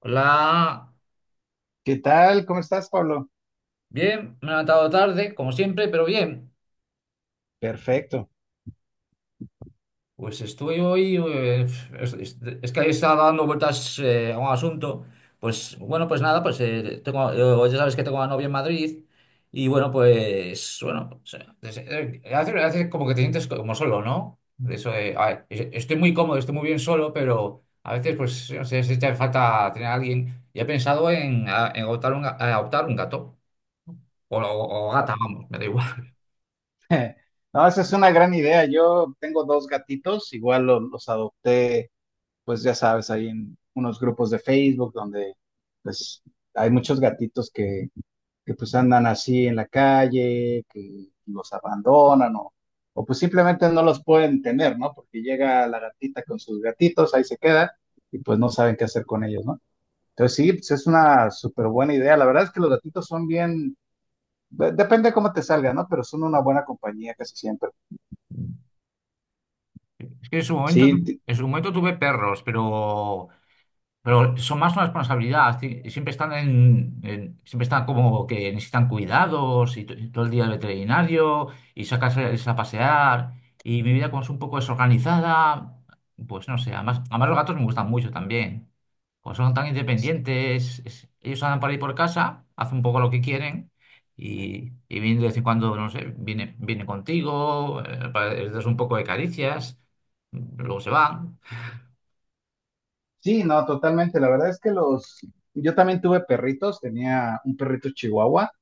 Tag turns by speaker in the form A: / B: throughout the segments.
A: Hola,
B: ¿Qué tal? ¿Cómo estás, Pablo?
A: bien, me he levantado tarde, como siempre, pero bien.
B: Perfecto.
A: Pues estoy hoy, es, es- es que ahí estaba dando vueltas a un asunto. Pues bueno, pues nada, pues tengo, Ya sabes que tengo a novia en Madrid y bueno, pues bueno, o sea, es- hace, hace como que te sientes como solo, ¿no? De eso de, a ver, estoy muy cómodo, estoy muy bien solo, pero a veces pues no sé, se echa de falta tener a alguien. Y he pensado en, adoptar un gato o
B: Ah,
A: gata, vamos, me da igual.
B: No, esa es una gran idea. Yo tengo dos gatitos, igual los adopté, pues ya sabes, ahí en unos grupos de Facebook donde pues hay muchos gatitos que pues andan así en la calle, que los abandonan o pues simplemente no los pueden tener, ¿no? Porque llega la gatita con sus gatitos, ahí se queda y pues no saben qué hacer con ellos, ¿no? Entonces sí, pues es una súper buena idea. La verdad es que los gatitos son bien, depende de cómo te salga, ¿no? Pero son una buena compañía casi siempre.
A: Es que en su momento,
B: Sí,
A: en su momento tuve perros, pero son más una responsabilidad, siempre están como que necesitan cuidados y, y todo el día al veterinario y sacas a pasear y mi vida como es un poco desorganizada, pues no sé, además, además los gatos me gustan mucho también, como son tan independientes, ellos andan por ahí por casa, hacen un poco lo que quieren y vienen de vez en cuando, no sé, vienen contigo, les das un poco de caricias, luego se van.
B: sí, no, totalmente. La verdad es que los, yo también tuve perritos, tenía un perrito chihuahua.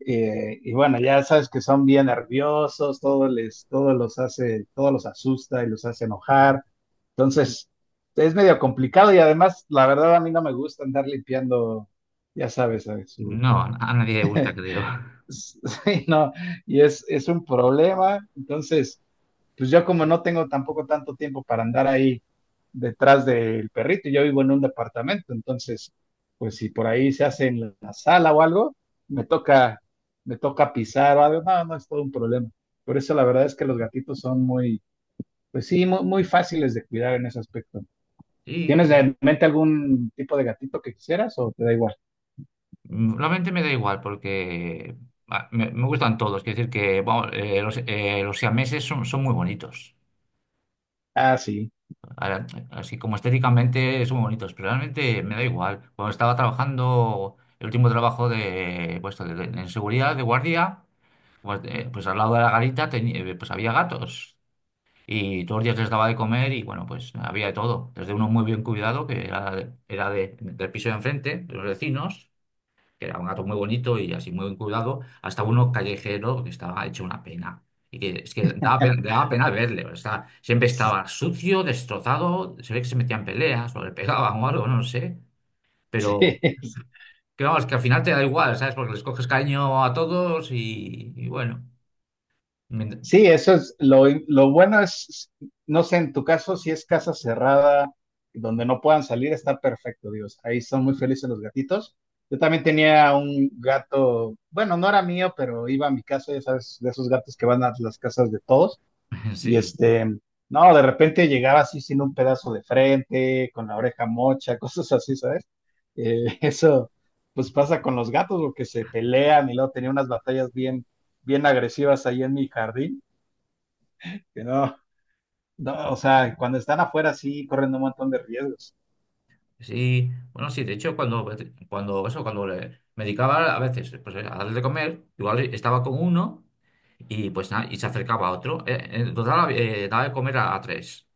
B: Y bueno, ya sabes que son bien nerviosos, todo les, todo los hace, todo los asusta y los hace enojar. Entonces, es medio complicado y además, la verdad, a mí no me gusta andar limpiando, ya sabes, ¿sabes? Su...
A: No, a nadie le gusta, creo.
B: Sí, no, y es un problema. Entonces, pues yo como no tengo tampoco tanto tiempo para andar ahí detrás del perrito, yo vivo en un departamento, entonces, pues si por ahí se hace en la sala o algo, me toca, me toca pisar o algo, no, no es todo un problema. Por eso la verdad es que los gatitos son muy, pues sí, muy, muy fáciles de cuidar en ese aspecto.
A: Y
B: ¿Tienes
A: yo-
B: en mente algún tipo de gatito que quisieras o te da igual?
A: Realmente me da igual porque me gustan todos. Quiero decir que vamos, los siameses son, son muy bonitos.
B: Ah, sí.
A: Ahora, así como estéticamente son muy bonitos, pero realmente me da igual. Cuando estaba trabajando, el último trabajo de, pues, en seguridad, de guardia, pues, pues al lado de la garita pues había gatos. Y todos los días les daba de comer y bueno, pues había de todo. Desde uno muy bien cuidado, que era, del piso de enfrente, de los vecinos, que era un gato muy bonito y así muy bien cuidado, hasta uno callejero que estaba hecho una pena. Y que es que daba pena verle, o sea, siempre estaba sucio, destrozado, se ve que se metían en peleas o le pegaban o algo, no sé.
B: Sí,
A: Pero que vamos, que al final te da igual, ¿sabes? Porque les coges cariño a todos y bueno, mient-
B: sí, eso es lo bueno es, no sé, en tu caso, si es casa cerrada, donde no puedan salir, está perfecto, Dios. Ahí son muy felices los gatitos. Yo también tenía un gato, bueno, no era mío, pero iba a mi casa, ya sabes, de esos gatos que van a las casas de todos. Y
A: sí.
B: este, no, de repente llegaba así sin un pedazo de frente, con la oreja mocha, cosas así, ¿sabes? Eso, pues pasa con los gatos, porque se pelean y luego tenía unas batallas bien, bien agresivas ahí en mi jardín que no, no, o sea, cuando están afuera sí corren un montón de riesgos.
A: Sí, bueno, sí, de hecho, cuando, cuando, eso, cuando me dedicaba a veces pues, a darle de comer, igual estaba con uno y pues nada, y se acercaba a otro. En total, daba de comer a tres.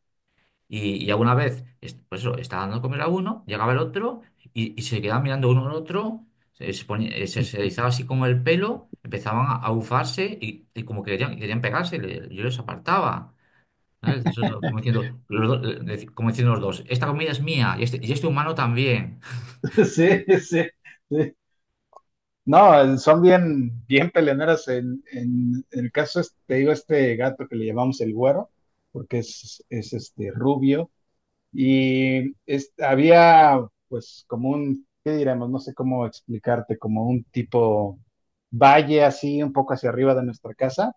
A: Y alguna vez, pues eso, estaba dando de comer a uno, llegaba el otro y se quedaban mirando uno al otro, se erizaba así como el pelo, empezaban a bufarse y como que querían, querían pegarse, yo los apartaba. ¿Sabes? Eso, como diciendo, como diciendo los dos, esta comida es mía y este humano también.
B: Sí, sí, sí. No, son bien, bien peleoneras. En el caso, este, te digo, este gato que le llamamos el güero, porque es este rubio, y había pues como un, ¿qué diremos? No sé cómo explicarte, como un tipo valle así, un poco hacia arriba de nuestra casa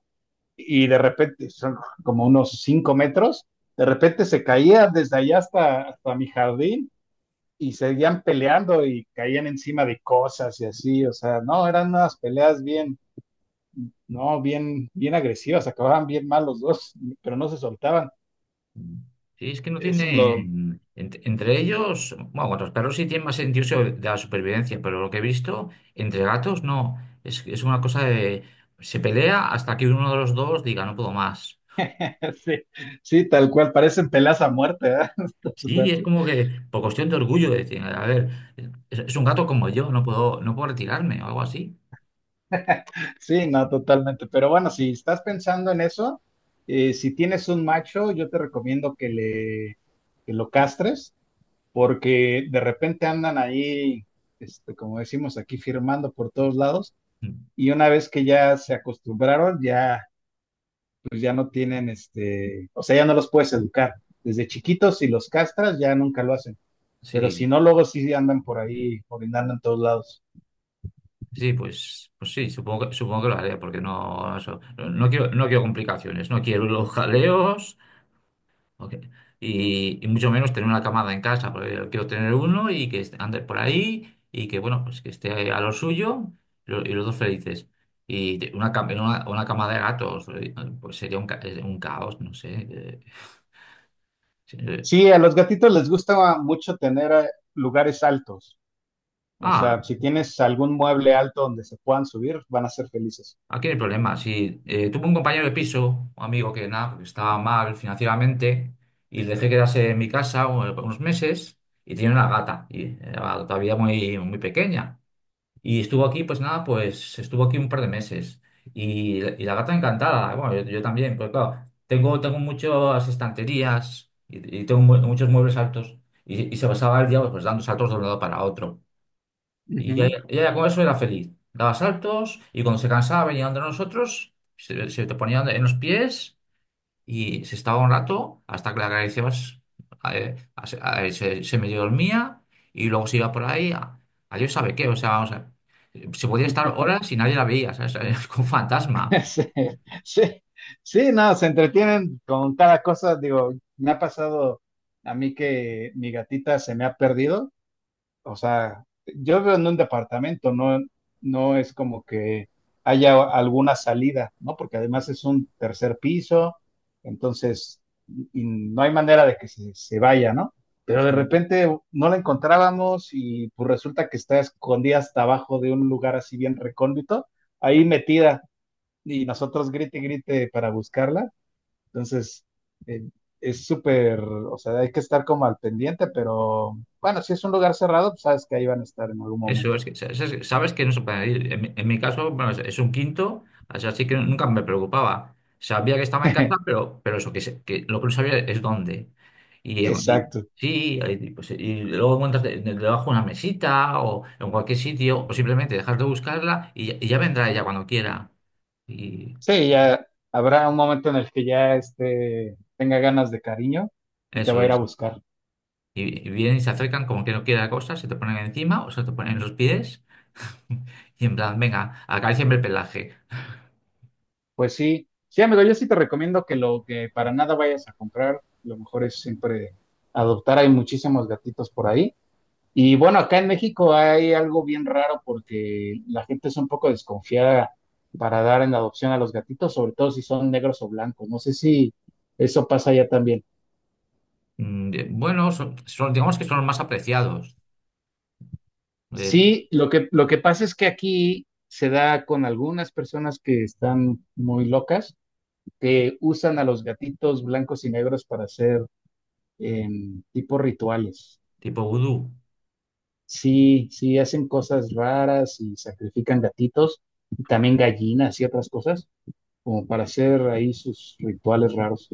B: y de repente, son como unos 5 metros, de repente se caían desde allá hasta, hasta mi jardín y seguían peleando y caían encima de cosas y así, o sea, no, eran unas peleas bien, no, bien, bien agresivas, acababan bien mal los dos, pero no se soltaban.
A: Sí, es que no
B: Eso es lo,
A: tienen, entre ellos, bueno, con los perros sí tienen más sentido de la supervivencia, pero lo que he visto, entre gatos no, es una cosa de, se pelea hasta que uno de los dos diga, no puedo más.
B: sí, sí, tal cual, parecen peleas a muerte, ¿verdad? Tal
A: Sí,
B: cual.
A: es como que por cuestión de orgullo, de decir, a ver, es un gato como yo, no puedo, no puedo retirarme o algo así.
B: Sí, no, totalmente. Pero bueno, si estás pensando en eso, si tienes un macho, yo te recomiendo que le, que lo castres porque de repente andan ahí, este, como decimos aquí, firmando por todos lados, y una vez que ya se acostumbraron, ya, pues ya no tienen, este, o sea, ya no los puedes educar. Desde chiquitos, si los castras, ya nunca lo hacen, pero si
A: Sí,
B: no, luego sí andan por ahí, orinando en todos lados.
A: sí, pues, pues sí, supongo que lo haré, porque no, eso, no, no quiero, no quiero complicaciones, no quiero los jaleos. Ok. Y mucho menos tener una camada en casa, porque yo quiero tener uno y que ande por ahí y que, bueno, pues que esté a lo suyo y los dos felices. Y una cama de gatos, pues sería un, un caos, no sé. Sí, eh.
B: Sí, a los gatitos les gusta mucho tener lugares altos. O
A: Ah,
B: sea, si tienes algún mueble alto donde se puedan subir, van a ser felices.
A: aquí no hay problema. Si tuve un compañero de piso, un amigo que nada, porque estaba mal financieramente y le dejé quedarse en mi casa unos meses y tiene una gata, y era todavía muy, muy pequeña. Y estuvo aquí, pues nada, pues estuvo aquí un par de meses. Y la gata encantada, bueno, yo también, pues claro, tengo, tengo muchas estanterías y tengo muchos muebles altos. Y se pasaba el día pues, dando saltos de un lado para otro. Y
B: Ujú.
A: ella con eso era feliz. Daba saltos y cuando se cansaba venía donde nosotros, se te ponía en los pies y se estaba un rato hasta que la Garicebas eh, se medio dormía y luego se iba por ahí a Dios sabe qué. O sea, se podía estar horas y nadie la veía, ¿sabes? Como un fantasma.
B: Sí, sí, sí, no, se entretienen con cada cosa. Digo, me ha pasado a mí que mi gatita se me ha perdido. O sea, yo vivo en un departamento, no, no es como que haya alguna salida, ¿no? Porque además es un tercer piso, entonces y no hay manera de que se vaya, ¿no? Pero de
A: Sí.
B: repente no la encontrábamos y pues resulta que está escondida hasta abajo de un lugar así bien recóndito, ahí metida y nosotros grite y grite para buscarla. Entonces, eh, es súper, o sea, hay que estar como al pendiente, pero bueno, si es un lugar cerrado, pues sabes que ahí van a estar en algún
A: Eso
B: momento.
A: es que sabes que no se puede ir. En mi caso, bueno, es un quinto, así así que nunca me preocupaba. Sabía que estaba en casa, pero eso, que, que lo que no sabía es dónde. Y, y-
B: Exacto.
A: sí, y, pues, y luego encuentras debajo una mesita o en cualquier sitio, o simplemente dejar de buscarla y ya vendrá ella cuando quiera. Y
B: Sí, ya habrá un momento en el que ya este, tenga ganas de cariño y te va
A: eso
B: a ir a
A: es.
B: buscar.
A: Y vienen y se acercan como que no quiere la cosa, se te ponen encima o se te ponen en los pies y en plan, venga, acaríciame el pelaje.
B: Pues sí, sí, amigo, yo sí te recomiendo que lo que para nada vayas a comprar, lo mejor es siempre adoptar. Hay muchísimos gatitos por ahí. Y bueno, acá en México hay algo bien raro porque la gente es un poco desconfiada para dar en adopción a los gatitos, sobre todo si son negros o blancos. No sé si eso pasa allá también.
A: Bueno, son, digamos que son los más apreciados, eh,
B: Sí, lo que pasa es que aquí se da con algunas personas que están muy locas, que usan a los gatitos blancos y negros para hacer tipo rituales.
A: tipo vudú.
B: Sí, sí, hacen cosas raras y sacrifican gatitos y también gallinas y otras cosas como para hacer ahí sus rituales raros.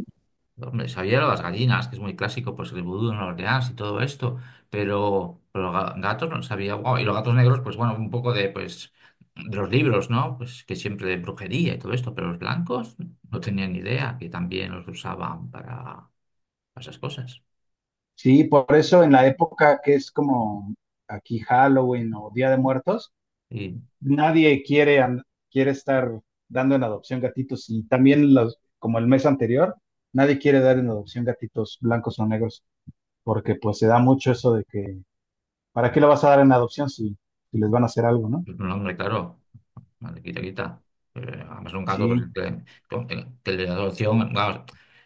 A: Hombre, sabía lo de las gallinas, que es muy clásico, pues el vudú en Nueva Orleans y todo esto, pero gatos no sabía. Guau, y los gatos negros, pues bueno, un poco de, pues, de los libros, ¿no? Pues que siempre de brujería y todo esto, pero los blancos no tenían ni idea que también los usaban para esas cosas.
B: Sí, por eso en la época que es como aquí Halloween o Día de Muertos,
A: Y,
B: nadie quiere, quiere estar dando en adopción gatitos y también los, como el mes anterior, nadie quiere dar en adopción gatitos blancos o negros porque pues se da mucho eso de que, ¿para qué lo vas a dar en adopción si, si les van a hacer algo, ¿no?
A: pues, no, hombre, claro. Vale, quita, quita. Además, un gato, pues,
B: Sí,
A: que, que el de adopción, vamos,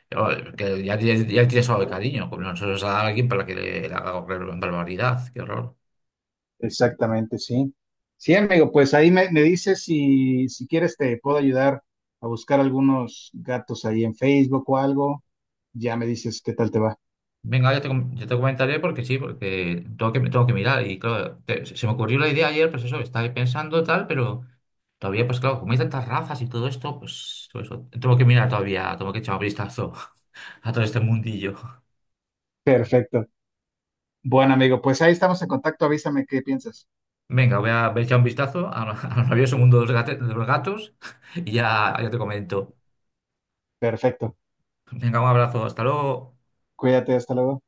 A: que ya, ya, tiene solo el cariño, como nosotros a alguien para que le haga barbaridad, qué horror.
B: exactamente, sí. Sí, amigo, pues ahí me, me dices si, si quieres te puedo ayudar a buscar algunos gatos ahí en Facebook o algo. Ya me dices qué tal te va.
A: Venga, yo te, yo te comentaré porque sí, porque tengo que mirar. Y claro, se me ocurrió la idea ayer, pues eso, estaba ahí pensando tal, pero todavía, pues claro, como hay tantas razas y todo esto, pues todo eso, tengo que mirar todavía, tengo que echar un vistazo a todo este mundillo.
B: Perfecto. Bueno, amigo, pues ahí estamos en contacto. Avísame qué piensas.
A: Venga, voy a echar un vistazo al maravilloso mundo de los de los gatos y ya, ya te comento.
B: Perfecto.
A: Venga, un abrazo, hasta luego.
B: Cuídate, hasta luego.